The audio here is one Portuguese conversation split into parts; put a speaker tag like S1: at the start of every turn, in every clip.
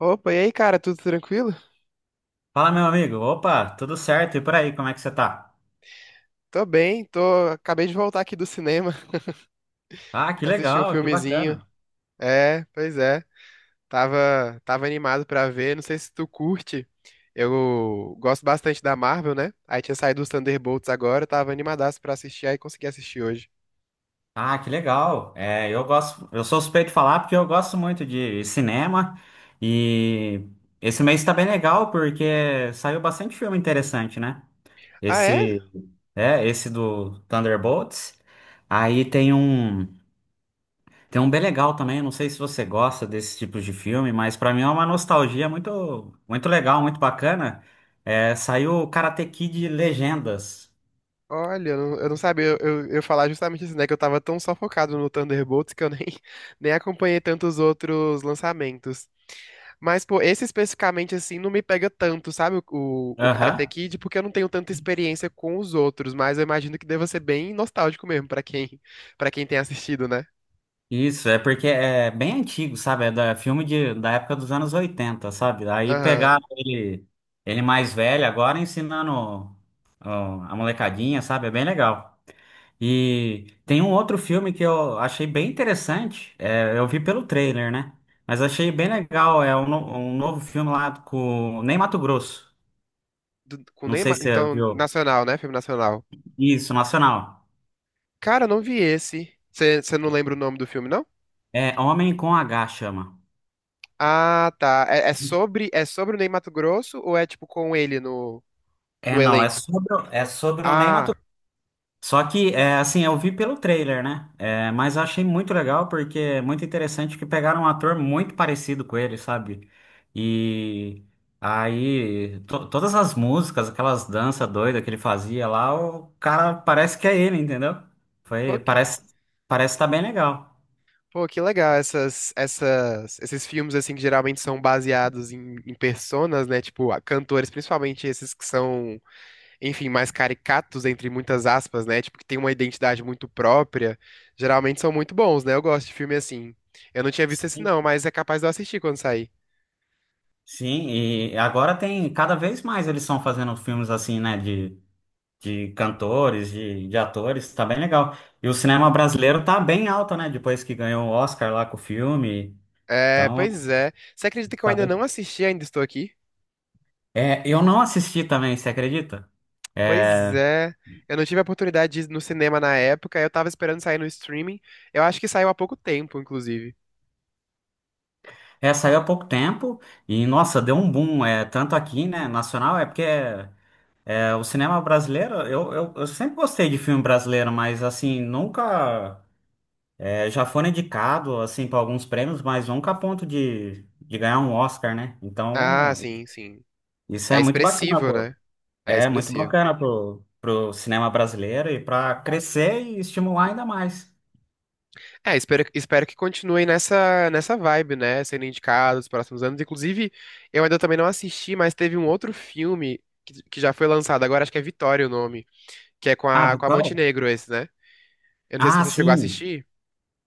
S1: Opa, e aí, cara, tudo tranquilo?
S2: Fala, meu amigo. Opa, tudo certo? E por aí, como é que você tá?
S1: Tô bem, tô. Acabei de voltar aqui do cinema,
S2: Ah, que
S1: assistir um
S2: legal, que
S1: filmezinho.
S2: bacana.
S1: É, pois é. Tava animado pra ver. Não sei se tu curte. Eu gosto bastante da Marvel, né? Aí tinha saído os Thunderbolts agora, eu tava animadaço pra assistir, aí consegui assistir hoje.
S2: Ah, que legal. É, eu sou suspeito de falar porque eu gosto muito de cinema e esse mês tá bem legal porque saiu bastante filme interessante, né?
S1: Ah, é?
S2: Esse é esse do Thunderbolts. Aí tem um bem legal também, eu não sei se você gosta desse tipo de filme, mas pra mim é uma nostalgia muito, muito legal, muito bacana. É, saiu o Karate Kid Legendas.
S1: Olha, eu não sabia, eu ia falar justamente isso, né? Que eu tava tão só focado no Thunderbolts que eu nem, nem acompanhei tantos outros lançamentos. Mas, pô, esse especificamente, assim, não me pega tanto, sabe? O Karate
S2: Aham.
S1: Kid, porque eu não tenho tanta experiência com os outros, mas eu imagino que deva ser bem nostálgico mesmo pra quem, para quem tem assistido, né?
S2: Isso, é porque é bem antigo, sabe? Da época dos anos 80, sabe? Aí
S1: Aham.
S2: pegaram ele, ele mais velho agora ensinando, ó, a molecadinha, sabe? É bem legal. E tem um outro filme que eu achei bem interessante, eu vi pelo trailer, né? Mas achei bem legal, é um, um novo filme lá com o Ney Matogrosso.
S1: Com
S2: Não sei
S1: Neymar,
S2: se você
S1: então,
S2: viu.
S1: nacional, né? Filme nacional.
S2: Isso, nacional.
S1: Cara, eu não vi esse. Você não lembra o nome do filme, não?
S2: É Homem com H, chama.
S1: Ah, tá. É sobre o Ney Matogrosso ou é tipo com ele no,
S2: É,
S1: no
S2: não, é
S1: elenco?
S2: sobre, é sobre o Ney.
S1: Ah,
S2: Só que, assim, eu vi pelo trailer, né? Mas eu achei muito legal porque é muito interessante que pegaram um ator muito parecido com ele, sabe? E aí, todas as músicas, aquelas danças doidas que ele fazia lá, o cara parece que é ele, entendeu?
S1: pô, que,
S2: Parece, parece estar bem legal.
S1: pô, que legal essas, esses filmes assim que geralmente são baseados em, em personas, né? Tipo, cantores, principalmente esses que são, enfim, mais caricatos entre muitas aspas, né? Tipo, que tem uma identidade muito própria. Geralmente são muito bons, né? Eu gosto de filme assim. Eu não tinha visto esse
S2: Sim,
S1: não, mas é capaz de eu assistir quando sair.
S2: sim, e agora tem, cada vez mais eles estão fazendo filmes assim, né? De cantores, de atores, tá bem legal. E o cinema brasileiro tá bem alto, né? Depois que ganhou o Oscar lá com o filme.
S1: É,
S2: Então,
S1: pois é. Você acredita que eu
S2: tá
S1: ainda
S2: bem.
S1: não assisti, ainda estou aqui?
S2: É, eu não assisti também, você acredita?
S1: Pois é. Eu não tive a oportunidade de ir no cinema na época, eu tava esperando sair no streaming. Eu acho que saiu há pouco tempo, inclusive.
S2: É, saiu há pouco tempo e, nossa, deu um boom. É, tanto aqui, né, nacional, o cinema brasileiro, eu sempre gostei de filme brasileiro, mas, assim, nunca... é, já foram indicado, assim, para alguns prêmios, mas nunca a ponto de ganhar um Oscar, né?
S1: Ah,
S2: Então,
S1: sim, sim.
S2: isso é
S1: É
S2: muito bacana,
S1: expressivo,
S2: pô.
S1: né? É
S2: É muito
S1: expressivo.
S2: bacana pro cinema brasileiro e para crescer e estimular ainda mais.
S1: É, espero que continue nessa, nessa vibe, né? Sendo indicado nos próximos anos. Inclusive, eu ainda também não assisti, mas teve um outro filme que já foi lançado agora, acho que é Vitória o nome, que é
S2: Ah,
S1: com a
S2: Vitória?
S1: Montenegro esse, né? Eu não sei se
S2: Ah,
S1: você chegou a
S2: sim.
S1: assistir.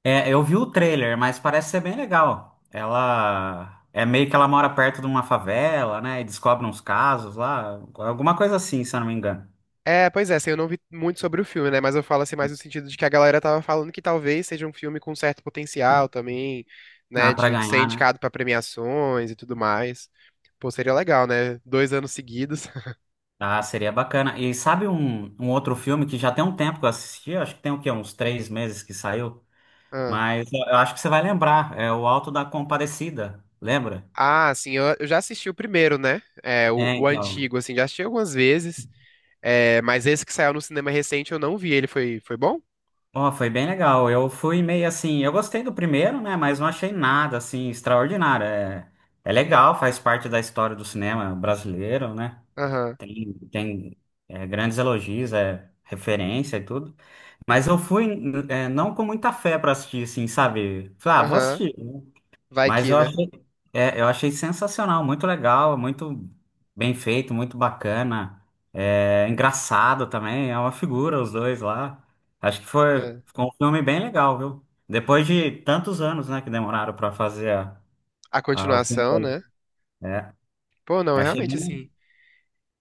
S2: É, eu vi o trailer, mas parece ser bem legal. Ela é meio que ela mora perto de uma favela, né? E descobre uns casos lá, alguma coisa assim, se eu não me engano.
S1: É, pois é, assim, eu não vi muito sobre o filme, né? Mas eu falo assim mais no sentido de que a galera tava falando que talvez seja um filme com certo potencial também,
S2: Ah,
S1: né?
S2: pra
S1: De ser
S2: ganhar, né?
S1: indicado pra premiações e tudo mais. Pô, seria legal, né? Dois anos seguidos.
S2: Ah, seria bacana. E sabe um outro filme que já tem um tempo que eu assisti? Acho que tem o quê? Uns 3 meses que saiu.
S1: Ah,
S2: Mas eu acho que você vai lembrar. É o Alto da Compadecida. Lembra?
S1: Ah, assim, eu já assisti o primeiro, né? É, o,
S2: É,
S1: o
S2: então.
S1: antigo, assim, já assisti algumas vezes. É, mas esse que saiu no cinema recente eu não vi. Ele foi, foi bom?
S2: Ó, foi bem legal. Eu fui meio assim, eu gostei do primeiro, né? Mas não achei nada assim extraordinário. É, é legal, faz parte da história do cinema brasileiro, né?
S1: Aham,
S2: Tem grandes elogios, é referência e tudo. Mas eu fui, não com muita fé pra assistir, assim, sabe? Falei, ah, vou
S1: aham.
S2: assistir, né?
S1: Vai
S2: Mas
S1: que,
S2: eu
S1: né?
S2: achei, é, eu achei sensacional, muito legal, muito bem feito, muito bacana, engraçado também, é uma figura os dois lá. Acho que foi,
S1: É.
S2: ficou um filme bem legal, viu? Depois de tantos anos, né, que demoraram para fazer
S1: A
S2: o filme
S1: continuação, né?
S2: todo. É,
S1: Pô, não,
S2: achei
S1: realmente, assim.
S2: bem.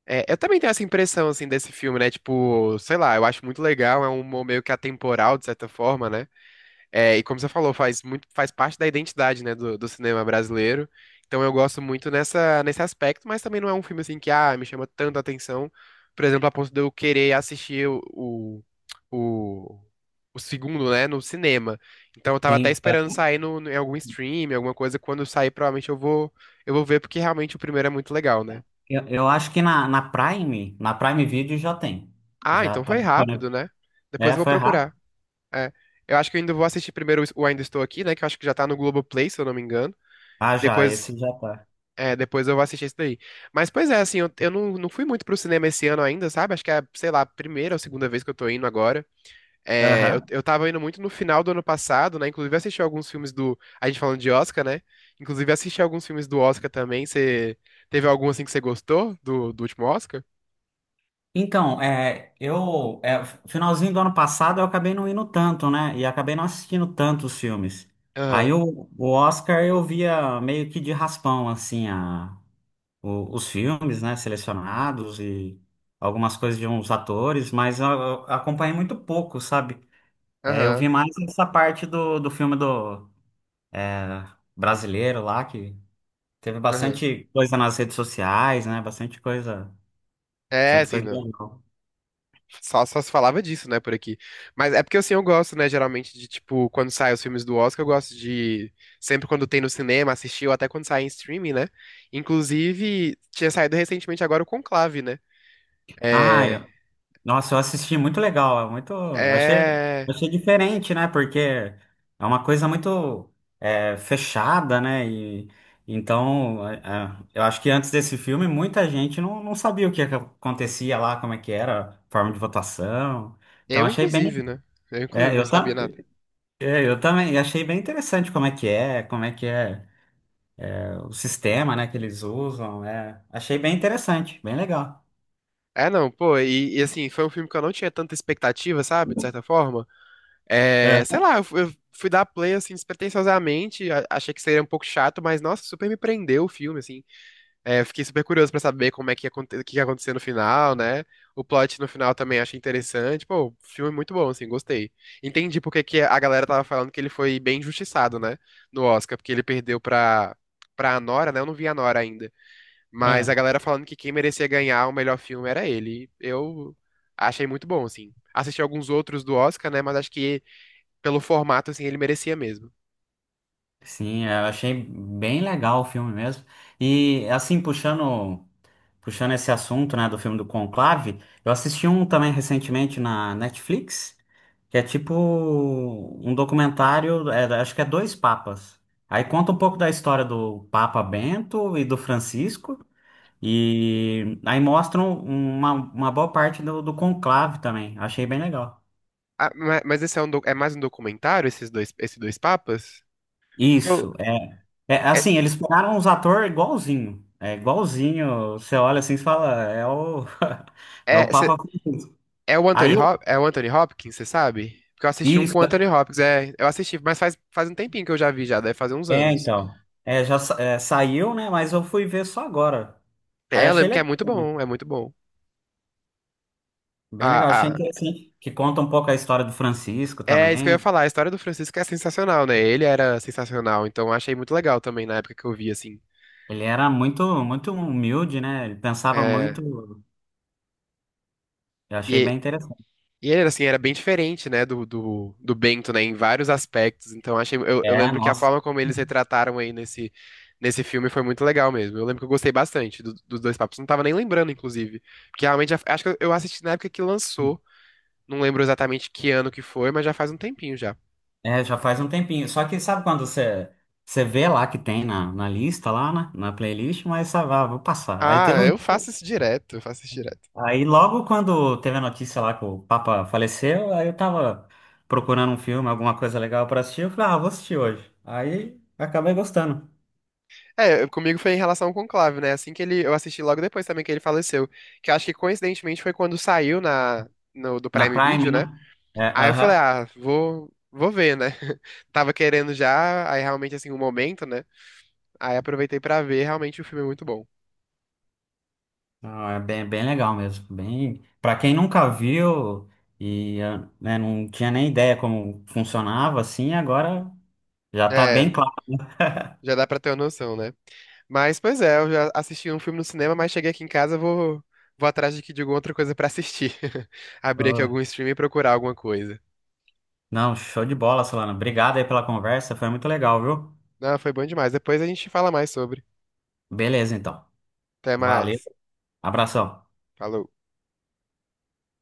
S1: É, eu também tenho essa impressão, assim, desse filme, né? Tipo, sei lá, eu acho muito legal, é um humor meio que atemporal, de certa forma, né? É, e como você falou, faz muito, faz parte da identidade, né, do cinema brasileiro. Então eu gosto muito nessa, nesse aspecto, mas também não é um filme, assim, que, ah, me chama tanto a atenção, por exemplo, a ponto de eu querer assistir o, o segundo, né, no cinema. Então eu tava até
S2: Sim,
S1: esperando sair no, em algum stream, alguma coisa, quando sair, provavelmente eu vou ver, porque realmente o primeiro é muito legal, né?
S2: eu, acho que na Prime Video já tem.
S1: Ah,
S2: Já
S1: então
S2: tá
S1: foi
S2: disponível.
S1: rápido, né? Depois
S2: É,
S1: eu vou
S2: foi rápido.
S1: procurar. É. Eu acho que eu ainda vou assistir primeiro o Ainda Estou Aqui, né? Que eu acho que já tá no Globoplay, se eu não me engano.
S2: Ah, já,
S1: Depois,
S2: esse já tá.
S1: é, depois eu vou assistir esse daí. Mas, pois é, assim, eu não, não fui muito pro cinema esse ano ainda, sabe? Acho que é, sei lá, a primeira ou segunda vez que eu tô indo agora. É,
S2: Aham.
S1: eu tava indo muito no final do ano passado, né? Inclusive eu assisti alguns filmes do. A gente falando de Oscar, né? Inclusive eu assisti alguns filmes do Oscar também. Você teve algum assim que você gostou do último Oscar?
S2: Então, finalzinho do ano passado eu acabei não indo tanto, né? E acabei não assistindo tanto os filmes. Aí
S1: Aham,
S2: o Oscar eu via meio que de raspão, assim, os filmes, né, selecionados, e algumas coisas de uns atores, mas eu acompanhei muito pouco, sabe? É, eu
S1: aham,
S2: vi mais essa parte do filme do, é, brasileiro lá, que teve
S1: aham.
S2: bastante coisa nas redes sociais, né?
S1: É,
S2: Bastante
S1: assim,
S2: coisa
S1: não.
S2: legal.
S1: Só, só se falava disso, né, por aqui. Mas é porque, assim, eu gosto, né, geralmente de, tipo, quando saem os filmes do Oscar, eu gosto de, sempre quando tem no cinema, assistir, ou até quando sai em streaming, né? Inclusive, tinha saído recentemente agora o Conclave, né? É...
S2: Ah, nossa, eu assisti, muito legal, é muito, achei
S1: É...
S2: diferente, né? Porque é uma coisa muito, fechada, né? E então, eu acho que antes desse filme muita gente não sabia o que acontecia lá, como é que era, a forma de votação. Então
S1: Eu,
S2: achei bem,
S1: inclusive, né? Eu, inclusive,
S2: é,
S1: não
S2: eu,
S1: sabia
S2: tam-
S1: nada.
S2: eu também achei bem interessante como é que é, o sistema, né, que eles usam. Achei bem interessante, bem legal.
S1: É, não, pô, assim, foi um filme que eu não tinha tanta expectativa, sabe, de certa forma.
S2: É,
S1: Sei lá, eu fui dar play, assim, despretensiosamente, achei que seria um pouco chato, mas, nossa, super me prendeu o filme, assim. É, eu fiquei super curioso pra saber como é que ia, o que ia acontecer no final, né? O plot no final também achei interessante. Pô, filme muito bom, assim, gostei. Entendi porque que a galera tava falando que ele foi bem injustiçado, né? No Oscar, porque ele perdeu pra Anora, né? Eu não vi a Anora ainda. Mas a
S2: é.
S1: galera falando que quem merecia ganhar o melhor filme era ele. Eu achei muito bom, assim. Assisti alguns outros do Oscar, né? Mas acho que pelo formato, assim, ele merecia mesmo.
S2: Sim, eu achei bem legal o filme mesmo. E assim, puxando, puxando esse assunto, né, do filme do Conclave, eu assisti um também recentemente na Netflix, que é tipo um documentário, acho que é dois papas. Aí conta um pouco da história do Papa Bento e do Francisco, e aí mostram uma boa parte do conclave também. Achei bem legal.
S1: Ah, mas esse é, um, é mais um documentário, esses dois papas? Porque eu.
S2: Isso, é, assim, eles pegaram os atores igualzinho. É igualzinho. Você olha assim e fala, é o, é
S1: É,
S2: o Papa Francisco.
S1: É o
S2: Aí, eu-
S1: É o Anthony Hopkins, você sabe? Porque eu assisti um com o Anthony
S2: isso,
S1: Hopkins, é, eu assisti, mas faz, faz um tempinho que eu já vi já, deve fazer uns anos.
S2: então. Já saiu, né? Mas eu fui ver só agora. Aí
S1: É, eu
S2: achei
S1: lembro que é
S2: legal
S1: muito
S2: também.
S1: bom, é muito bom.
S2: Bem
S1: Ah,
S2: legal. Achei
S1: ah,
S2: interessante. Que conta um pouco a história do Francisco
S1: é isso que eu ia
S2: também.
S1: falar, a história do Francisco é sensacional, né? Ele era sensacional, então eu achei muito legal também na época que eu vi, assim.
S2: Ele era muito, muito humilde, né? Ele pensava
S1: É,
S2: muito. Eu achei
S1: e
S2: bem interessante.
S1: E era assim, era bem diferente, né, do Bento, né, em vários aspectos. Então, achei, eu
S2: É,
S1: lembro que a
S2: nossa.
S1: forma como eles retrataram aí nesse, nesse filme foi muito legal mesmo. Eu lembro que eu gostei bastante dos dois papos. Não tava nem lembrando, inclusive. Porque realmente, já- acho que eu assisti na época que lançou. Não lembro exatamente que ano que foi, mas já faz um tempinho já.
S2: É, já faz um tempinho. Só que sabe quando você vê lá que tem na lista, lá na playlist, mas sabe, ah, vou passar. Aí
S1: Ah,
S2: teve um.
S1: eu faço isso direto, eu faço isso direto.
S2: Aí logo quando teve a notícia lá que o Papa faleceu, aí eu tava procurando um filme, alguma coisa legal pra assistir, eu falei, ah, vou assistir hoje. Aí acabei gostando.
S1: É, comigo foi em relação ao Conclave, né? Assim que ele, eu assisti logo depois também que ele faleceu, que eu acho que coincidentemente foi quando saiu na no, do
S2: Na
S1: Prime
S2: Prime,
S1: Video, né?
S2: né? É,
S1: Aí eu falei,
S2: aham.
S1: ah, vou, vou ver, né? Tava querendo já, aí realmente assim, o momento, né? Aí aproveitei pra ver, realmente o filme é muito bom.
S2: Não, é bem, bem legal mesmo. Bem, para quem nunca viu e, ah, né, não tinha nem ideia como funcionava, assim, agora já tá bem
S1: É,
S2: claro.
S1: já dá pra ter uma noção, né? Mas, pois é, eu já assisti um filme no cinema, mas cheguei aqui em casa, vou, vou atrás de, de alguma outra coisa pra assistir. Abrir aqui algum stream e procurar alguma coisa.
S2: Não, show de bola, Solana. Obrigado aí pela conversa, foi muito legal, viu?
S1: Não, foi bom demais. Depois a gente fala mais sobre.
S2: Beleza, então.
S1: Até
S2: Valeu.
S1: mais.
S2: Abração.
S1: Falou.